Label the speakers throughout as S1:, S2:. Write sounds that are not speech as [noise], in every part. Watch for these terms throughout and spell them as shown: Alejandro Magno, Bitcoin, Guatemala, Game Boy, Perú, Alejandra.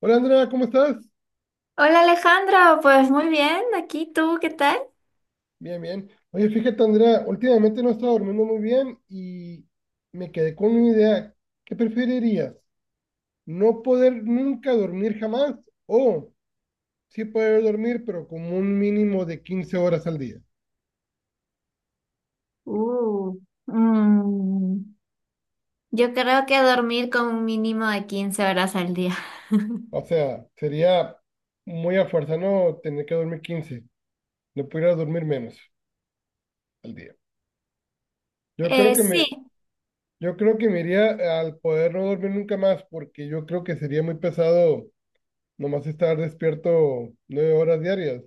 S1: Hola Andrea, ¿cómo estás?
S2: Hola Alejandra, pues muy bien, aquí tú, ¿qué tal?
S1: Bien, bien. Oye, fíjate Andrea, últimamente no he estado durmiendo muy bien y me quedé con una idea. ¿Qué preferirías? ¿No poder nunca dormir jamás o sí poder dormir pero como un mínimo de 15 horas al día?
S2: Uh, mm, yo creo que dormir con un mínimo de 15 horas al día.
S1: O sea, sería muy a fuerza no tener que dormir 15, no pudiera dormir menos al día. Yo creo que
S2: Sí.
S1: me, yo creo que me iría al poder no dormir nunca más porque yo creo que sería muy pesado. Nomás estar despierto 9 horas diarias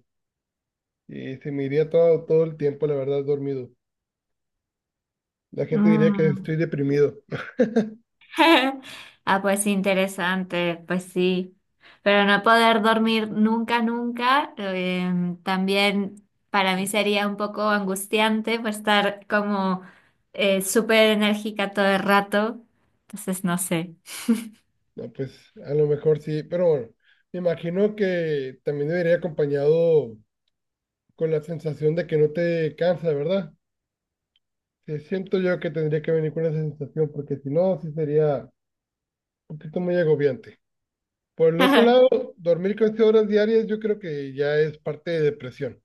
S1: y se me iría todo, todo el tiempo, la verdad, dormido. La gente diría que
S2: Mm.
S1: estoy deprimido.
S2: [laughs] Ah, pues interesante, pues sí. Pero no poder dormir nunca, nunca, también para mí sería un poco angustiante pues estar como súper enérgica todo el rato. Entonces, no sé.
S1: No, pues a lo mejor sí, pero bueno, me imagino que también debería acompañado con la sensación de que no te cansa, ¿verdad? Sí, siento yo que tendría que venir con esa sensación porque si no, sí sería un poquito muy agobiante. Por el otro lado,
S2: [laughs]
S1: dormir 15 horas diarias yo creo que ya es parte de depresión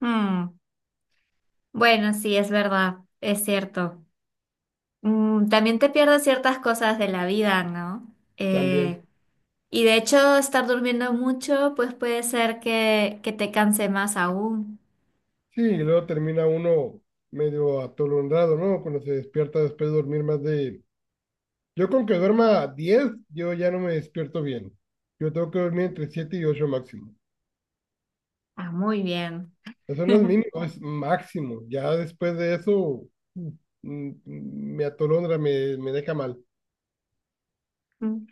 S2: Mm. Bueno, sí, es verdad, es cierto. También te pierdes ciertas cosas de la vida, ¿no?
S1: también.
S2: Y de hecho, estar durmiendo mucho, pues puede ser que te canse más aún.
S1: Sí, y luego termina uno medio atolondrado, ¿no? Cuando se despierta después de dormir más de... Yo con que duerma 10, yo ya no me despierto bien. Yo tengo que dormir entre 7 y 8 máximo.
S2: Ah, muy bien.
S1: Eso no es mínimo, es máximo. Ya después de eso, mm, me atolondra, me deja mal.
S2: Mm.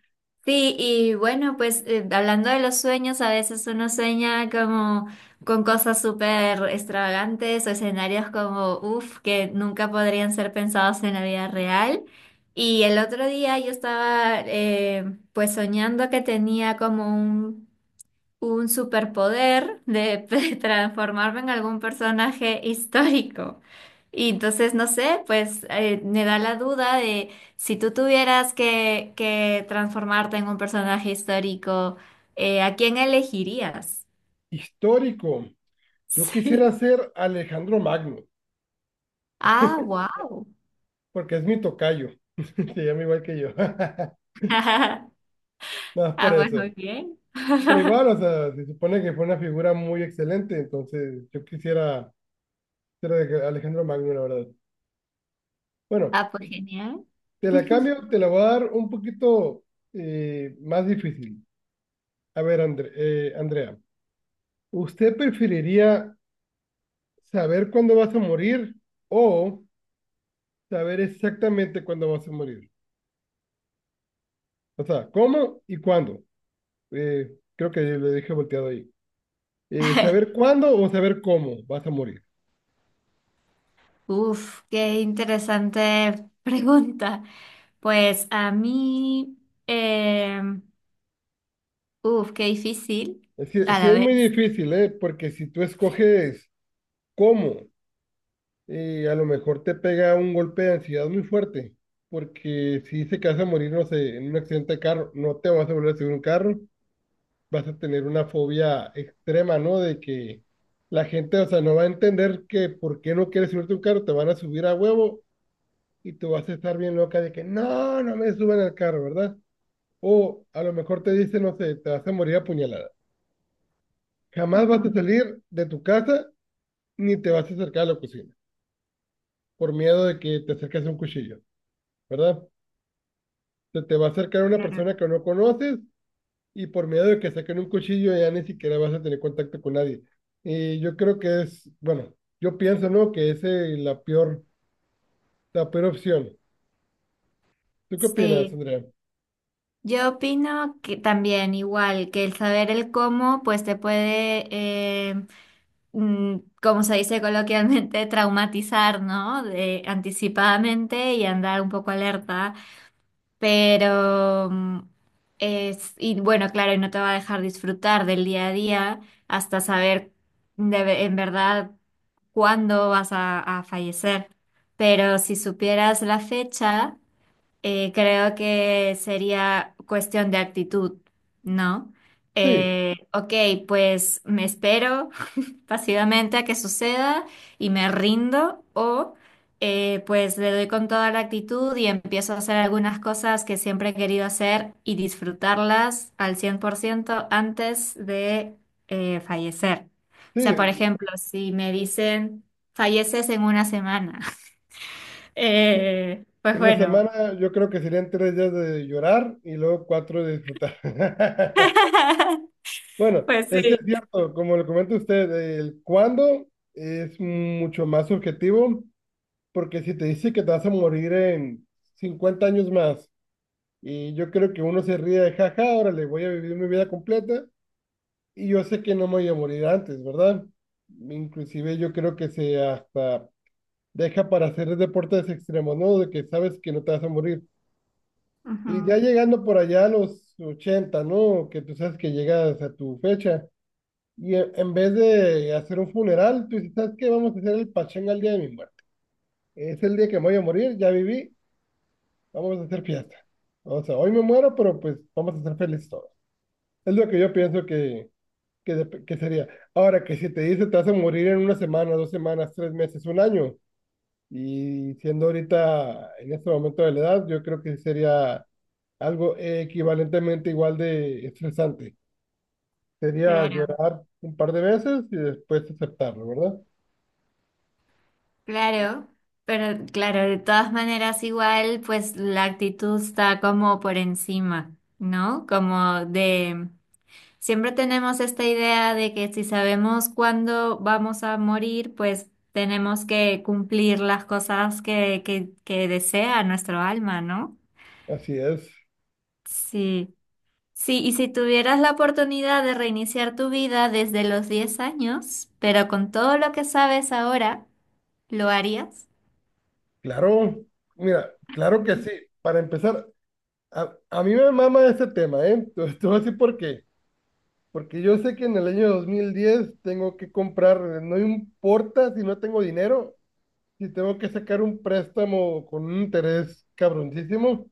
S2: Sí, y bueno, pues hablando de los sueños, a veces uno sueña como con cosas súper extravagantes o escenarios como, uff, que nunca podrían ser pensados en la vida real. Y el otro día yo estaba pues soñando que tenía como un superpoder de, [laughs] de transformarme en algún personaje histórico. Y entonces, no sé, pues me da la duda de si tú tuvieras que, transformarte en un personaje histórico, ¿a quién elegirías? [laughs]
S1: Histórico. Yo quisiera
S2: Sí.
S1: ser Alejandro Magno,
S2: Ah, wow.
S1: porque es mi tocayo. [laughs] Se llama igual que yo. [laughs] Nada
S2: [laughs]
S1: más
S2: Ah,
S1: por
S2: pues
S1: eso.
S2: muy bien.
S1: Pero igual, o sea, se supone que fue una figura muy excelente, entonces yo quisiera Alejandro Magno, la verdad. Bueno,
S2: Ah, pues genial.
S1: te la
S2: [laughs]
S1: cambio, te la voy a dar un poquito más difícil. A ver, Andrea, ¿usted preferiría saber cuándo vas a morir o saber exactamente cuándo vas a morir? O sea, ¿cómo y cuándo? Eh, creo que le dije volteado ahí. ¿Saber cuándo o saber cómo vas a morir?
S2: Uf, qué interesante pregunta. Pues a mí, em, uf, qué difícil
S1: Sí,
S2: a
S1: sí
S2: la
S1: es muy
S2: vez.
S1: difícil, ¿eh? Porque si tú escoges cómo a lo mejor te pega un golpe de ansiedad muy fuerte, porque si se que vas a morir, no sé, en un accidente de carro, no te vas a volver a subir un carro, vas a tener una fobia extrema, ¿no? De que la gente, o sea, no va a entender que por qué no quieres subirte un carro, te van a subir a huevo y tú vas a estar bien loca de que no, no me suban al carro, ¿verdad? O a lo mejor te dicen, no sé, te vas a morir apuñalada. Jamás vas
S2: Ujú,
S1: a salir de tu casa ni te vas a acercar a la cocina, por miedo de que te acerques a un cuchillo. ¿Verdad? Se te va a acercar una
S2: claro.
S1: persona que no conoces y por miedo de que saquen un cuchillo ya ni siquiera vas a tener contacto con nadie. Y yo creo que es, bueno, yo pienso, ¿no? Que esa es la peor opción. ¿Tú qué opinas,
S2: Sí,
S1: Andrea?
S2: yo opino que también igual que el saber el cómo, pues te puede, mm, como se dice coloquialmente, [laughs] traumatizar, ¿no? De, anticipadamente y andar un poco alerta. Pero es, y bueno, claro, y no te va a dejar disfrutar del día a día hasta saber de ve- en verdad cuándo vas a fallecer. Pero si supieras la fecha, creo que sería cuestión de actitud, ¿no?
S1: Sí,
S2: Ok, pues me espero pasivamente a que suceda y me rindo o pues le doy con toda la actitud y empiezo a hacer algunas cosas que siempre he querido hacer y disfrutarlas al 100% antes de fallecer. O sea, por
S1: sí.
S2: ejemplo, si me dicen falleces en una semana, [laughs] pues
S1: En una
S2: bueno,
S1: semana yo creo que serían tres días de llorar y luego cuatro de disfrutar. [laughs]
S2: [laughs]
S1: Bueno,
S2: pues
S1: es que es
S2: sí.
S1: cierto, como lo comenta usted, el cuándo es mucho más subjetivo. Porque si te dice que te vas a morir en 50 años más, y yo creo que uno se ríe de jaja, órale, voy a vivir mi vida completa, y yo sé que no me voy a morir antes, ¿verdad? Inclusive yo creo que se hasta deja para hacer deportes extremos, ¿no? De que sabes que no te vas a morir.
S2: Ujú,
S1: Y ya llegando por allá a los ochenta, ¿no? Que tú sabes que llegas a tu fecha, y en vez de hacer un funeral, tú dices, ¿sabes qué? Vamos a hacer el pachanga el día de mi muerte. Es el día que me voy a morir, ya viví, vamos a hacer fiesta. O sea, hoy me muero, pero pues vamos a ser felices todos. Es lo que yo pienso que sería. Ahora, que si te dice te vas a morir en una semana, dos semanas, tres meses, un año, y siendo ahorita en este momento de la edad, yo creo que sería algo equivalentemente igual de estresante. Sería
S2: claro.
S1: llorar un par de veces y después aceptarlo, ¿verdad?
S2: Claro, pero claro, de todas maneras igual, pues la actitud está como por encima, ¿no? Como de, siempre tenemos esta idea de que si sabemos cuándo vamos a morir, pues tenemos que cumplir las cosas que desea nuestro alma, ¿no?
S1: Así es.
S2: Sí. Sí, y si tuvieras la oportunidad de reiniciar tu vida desde los 10 años, pero con todo lo que sabes ahora, ¿lo harías?
S1: Claro, mira, claro que sí. Para empezar, a mí me mama este tema, ¿eh? [laughs] Te voy a decir por qué. Porque yo sé que en el año 2010 tengo que comprar, no importa si no tengo dinero, si tengo que sacar un préstamo con un interés cabroncísimo,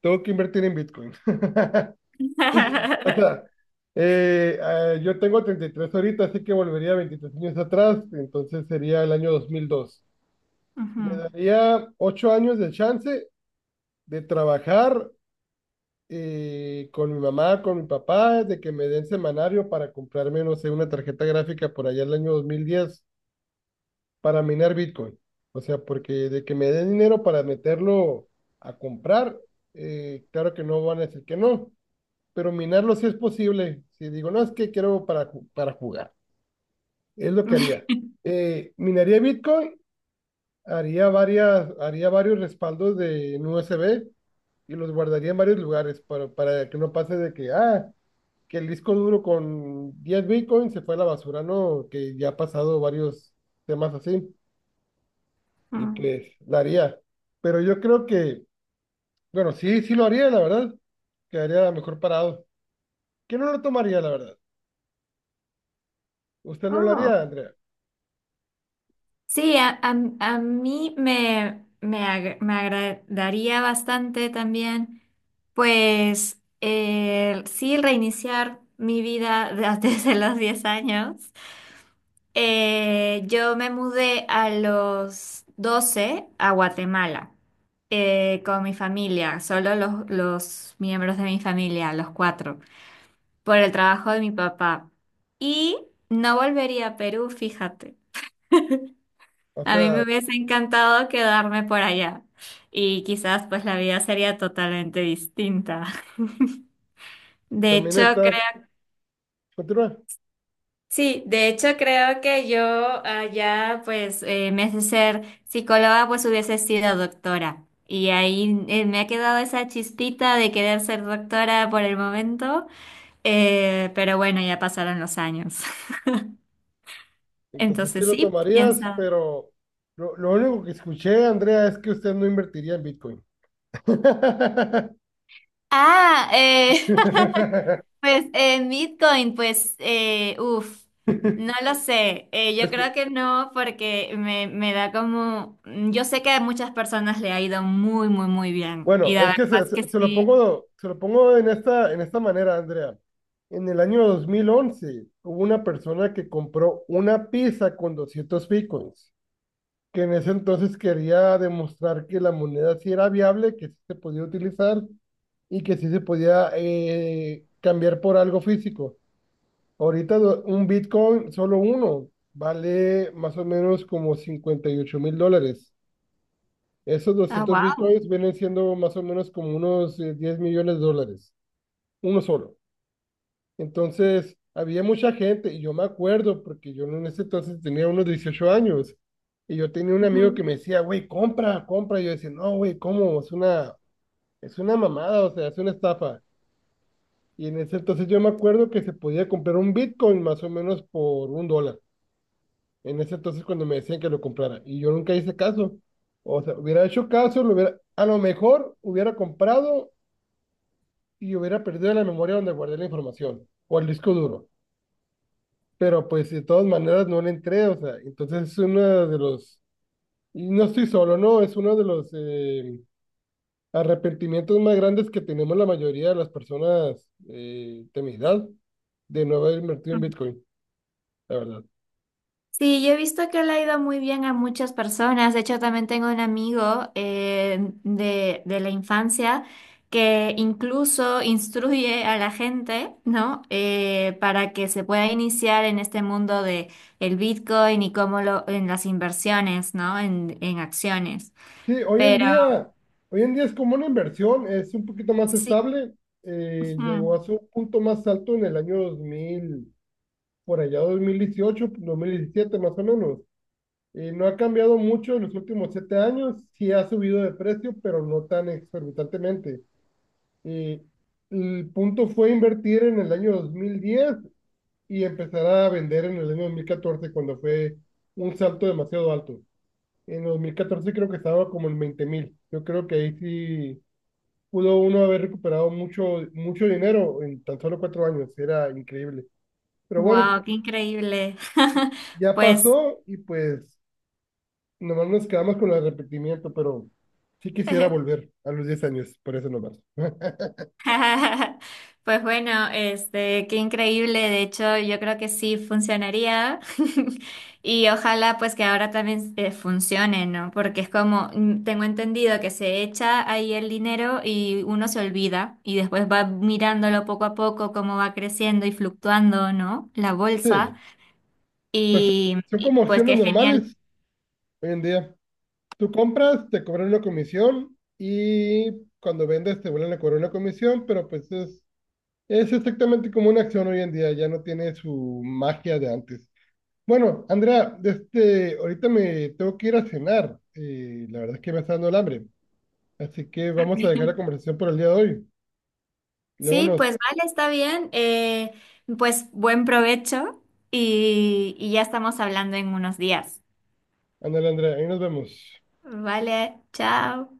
S1: tengo que invertir en Bitcoin. [laughs] O
S2: [laughs]
S1: sea, yo tengo 33 ahorita, así que volvería 23 años atrás, entonces sería el año 2002.
S2: Ujú,
S1: Me daría 8 años de chance de trabajar con mi mamá, con mi papá, de que me den semanario para comprarme, no sé, una tarjeta gráfica por allá el año 2010 para minar Bitcoin. O sea, porque de que me den dinero para meterlo a comprar, claro que no van a decir que no, pero minarlo sí es posible. Si digo, no, es que quiero para jugar, es lo que haría. Minaría Bitcoin, haría varios respaldos de en USB y los guardaría en varios lugares para que no pase de que, ah, que el disco duro con 10 Bitcoin se fue a la basura, ¿no? Que ya ha pasado varios temas así. Y
S2: ujú.
S1: pues la haría. Pero yo creo que, bueno, sí, sí lo haría, la verdad. Quedaría mejor parado. ¿Quién no lo tomaría, la verdad? Usted no lo
S2: Oh,
S1: haría, Andrea.
S2: sí, a mí me agradaría bastante también, pues sí, reiniciar mi vida [laughs] desde los 10 años. Yo me mudé a los 12 a Guatemala con mi familia, solo los miembros de mi familia, los cuatro, por el trabajo de mi papá. Y no volvería a Perú, fíjate.
S1: O
S2: A mí me
S1: sea,
S2: hubiese encantado quedarme por allá y quizás pues la vida sería totalmente distinta. [laughs] De
S1: también
S2: hecho,
S1: está,
S2: creo,
S1: continúa.
S2: sí, de hecho creo que yo allá pues en vez de ser psicóloga pues hubiese sido doctora. Y ahí me ha quedado esa chispita de querer ser doctora por el momento, pero bueno, ya pasaron los años. [laughs]
S1: Entonces sí
S2: Entonces
S1: lo
S2: sí, quién
S1: tomarías,
S2: sabe.
S1: pero lo único que escuché, Andrea, es que usted no invertiría en Bitcoin. [laughs]
S2: Ah, [laughs] pues en Bitcoin, pues, uff, no lo sé. Yo
S1: Es que,
S2: creo que no, porque me da como. Yo sé que a muchas personas le ha ido muy, muy, muy bien.
S1: bueno,
S2: Y la
S1: es
S2: verdad
S1: que
S2: es que sí.
S1: se lo pongo en en esta manera, Andrea. En el año 2011 hubo una persona que compró una pizza con 200 bitcoins, que en ese entonces quería demostrar que la moneda sí era viable, que sí se podía utilizar y que sí se podía cambiar por algo físico. Un bitcoin, solo uno, vale más o menos como $58,000. Esos
S2: Ah,
S1: doscientos
S2: wow.
S1: bitcoins vienen siendo más o menos como unos 10 millones de dólares, uno solo. Entonces, había mucha gente, y yo me acuerdo, porque yo en ese entonces tenía unos 18 años, y yo tenía un amigo que me decía, güey, compra, compra. Y yo decía, no, güey, ¿cómo? Es una mamada, o sea, es una estafa. Y en ese entonces yo me acuerdo que se podía comprar un bitcoin más o menos por un dólar. En ese entonces cuando me decían que lo comprara, y yo nunca hice caso. O sea, hubiera hecho caso, lo hubiera, a lo mejor hubiera comprado y hubiera perdido la memoria donde guardé la información o el disco duro. Pero pues de todas maneras no le entré, o sea, entonces es uno de los, y no estoy solo, no, es uno de los arrepentimientos más grandes que tenemos la mayoría de las personas de mi edad de no haber invertido en Bitcoin, la verdad.
S2: Sí, yo he visto que le ha ido muy bien a muchas personas. De hecho, también tengo un amigo de la infancia que incluso instruye a la gente, ¿no? Para que se pueda iniciar en este mundo de el Bitcoin y cómo lo, en las inversiones, ¿no? En acciones.
S1: Sí,
S2: Pero
S1: hoy en día es como una inversión, es un poquito más
S2: sí.
S1: estable, llegó a su punto más alto en el año 2000 por allá 2018, 2017 más o menos. No ha cambiado mucho en los últimos 7 años, sí ha subido de precio, pero no tan exorbitantemente. Eh, el punto fue invertir en el año 2010 y empezar a vender en el año 2014 cuando fue un salto demasiado alto. En 2014 creo que estaba como en 20,000. Yo creo que ahí sí pudo uno haber recuperado mucho, mucho dinero en tan solo 4 años. Era increíble. Pero bueno,
S2: Wow, qué increíble. [laughs]
S1: ya
S2: Pues
S1: pasó y pues nomás nos quedamos con el arrepentimiento, pero sí quisiera
S2: [laughs]
S1: volver a los 10 años, por eso nomás. [laughs]
S2: [laughs] pues bueno, este, qué increíble. De hecho, yo creo que sí funcionaría. [laughs] Y ojalá pues que ahora también funcione, ¿no? Porque es como, tengo entendido que se echa ahí el dinero y uno se olvida y después va mirándolo poco a poco cómo va creciendo y fluctuando, ¿no? La bolsa.
S1: Sí, pues
S2: Y,
S1: son
S2: y,
S1: como
S2: pues
S1: acciones
S2: qué genial.
S1: normales hoy en día. Tú compras, te cobran una comisión y cuando vendes te vuelven a cobrar una comisión, pero pues es exactamente como una acción hoy en día, ya no tiene su magia de antes. Bueno, Andrea, este, ahorita me tengo que ir a cenar y la verdad es que me está dando el hambre, así que vamos a dejar la
S2: [laughs]
S1: conversación por el día de hoy. Luego
S2: Sí,
S1: nos.
S2: pues vale, está bien. Pues buen provecho y ya estamos hablando en unos días.
S1: Ándale, Andrea, ahí nos vemos.
S2: Vale, chao.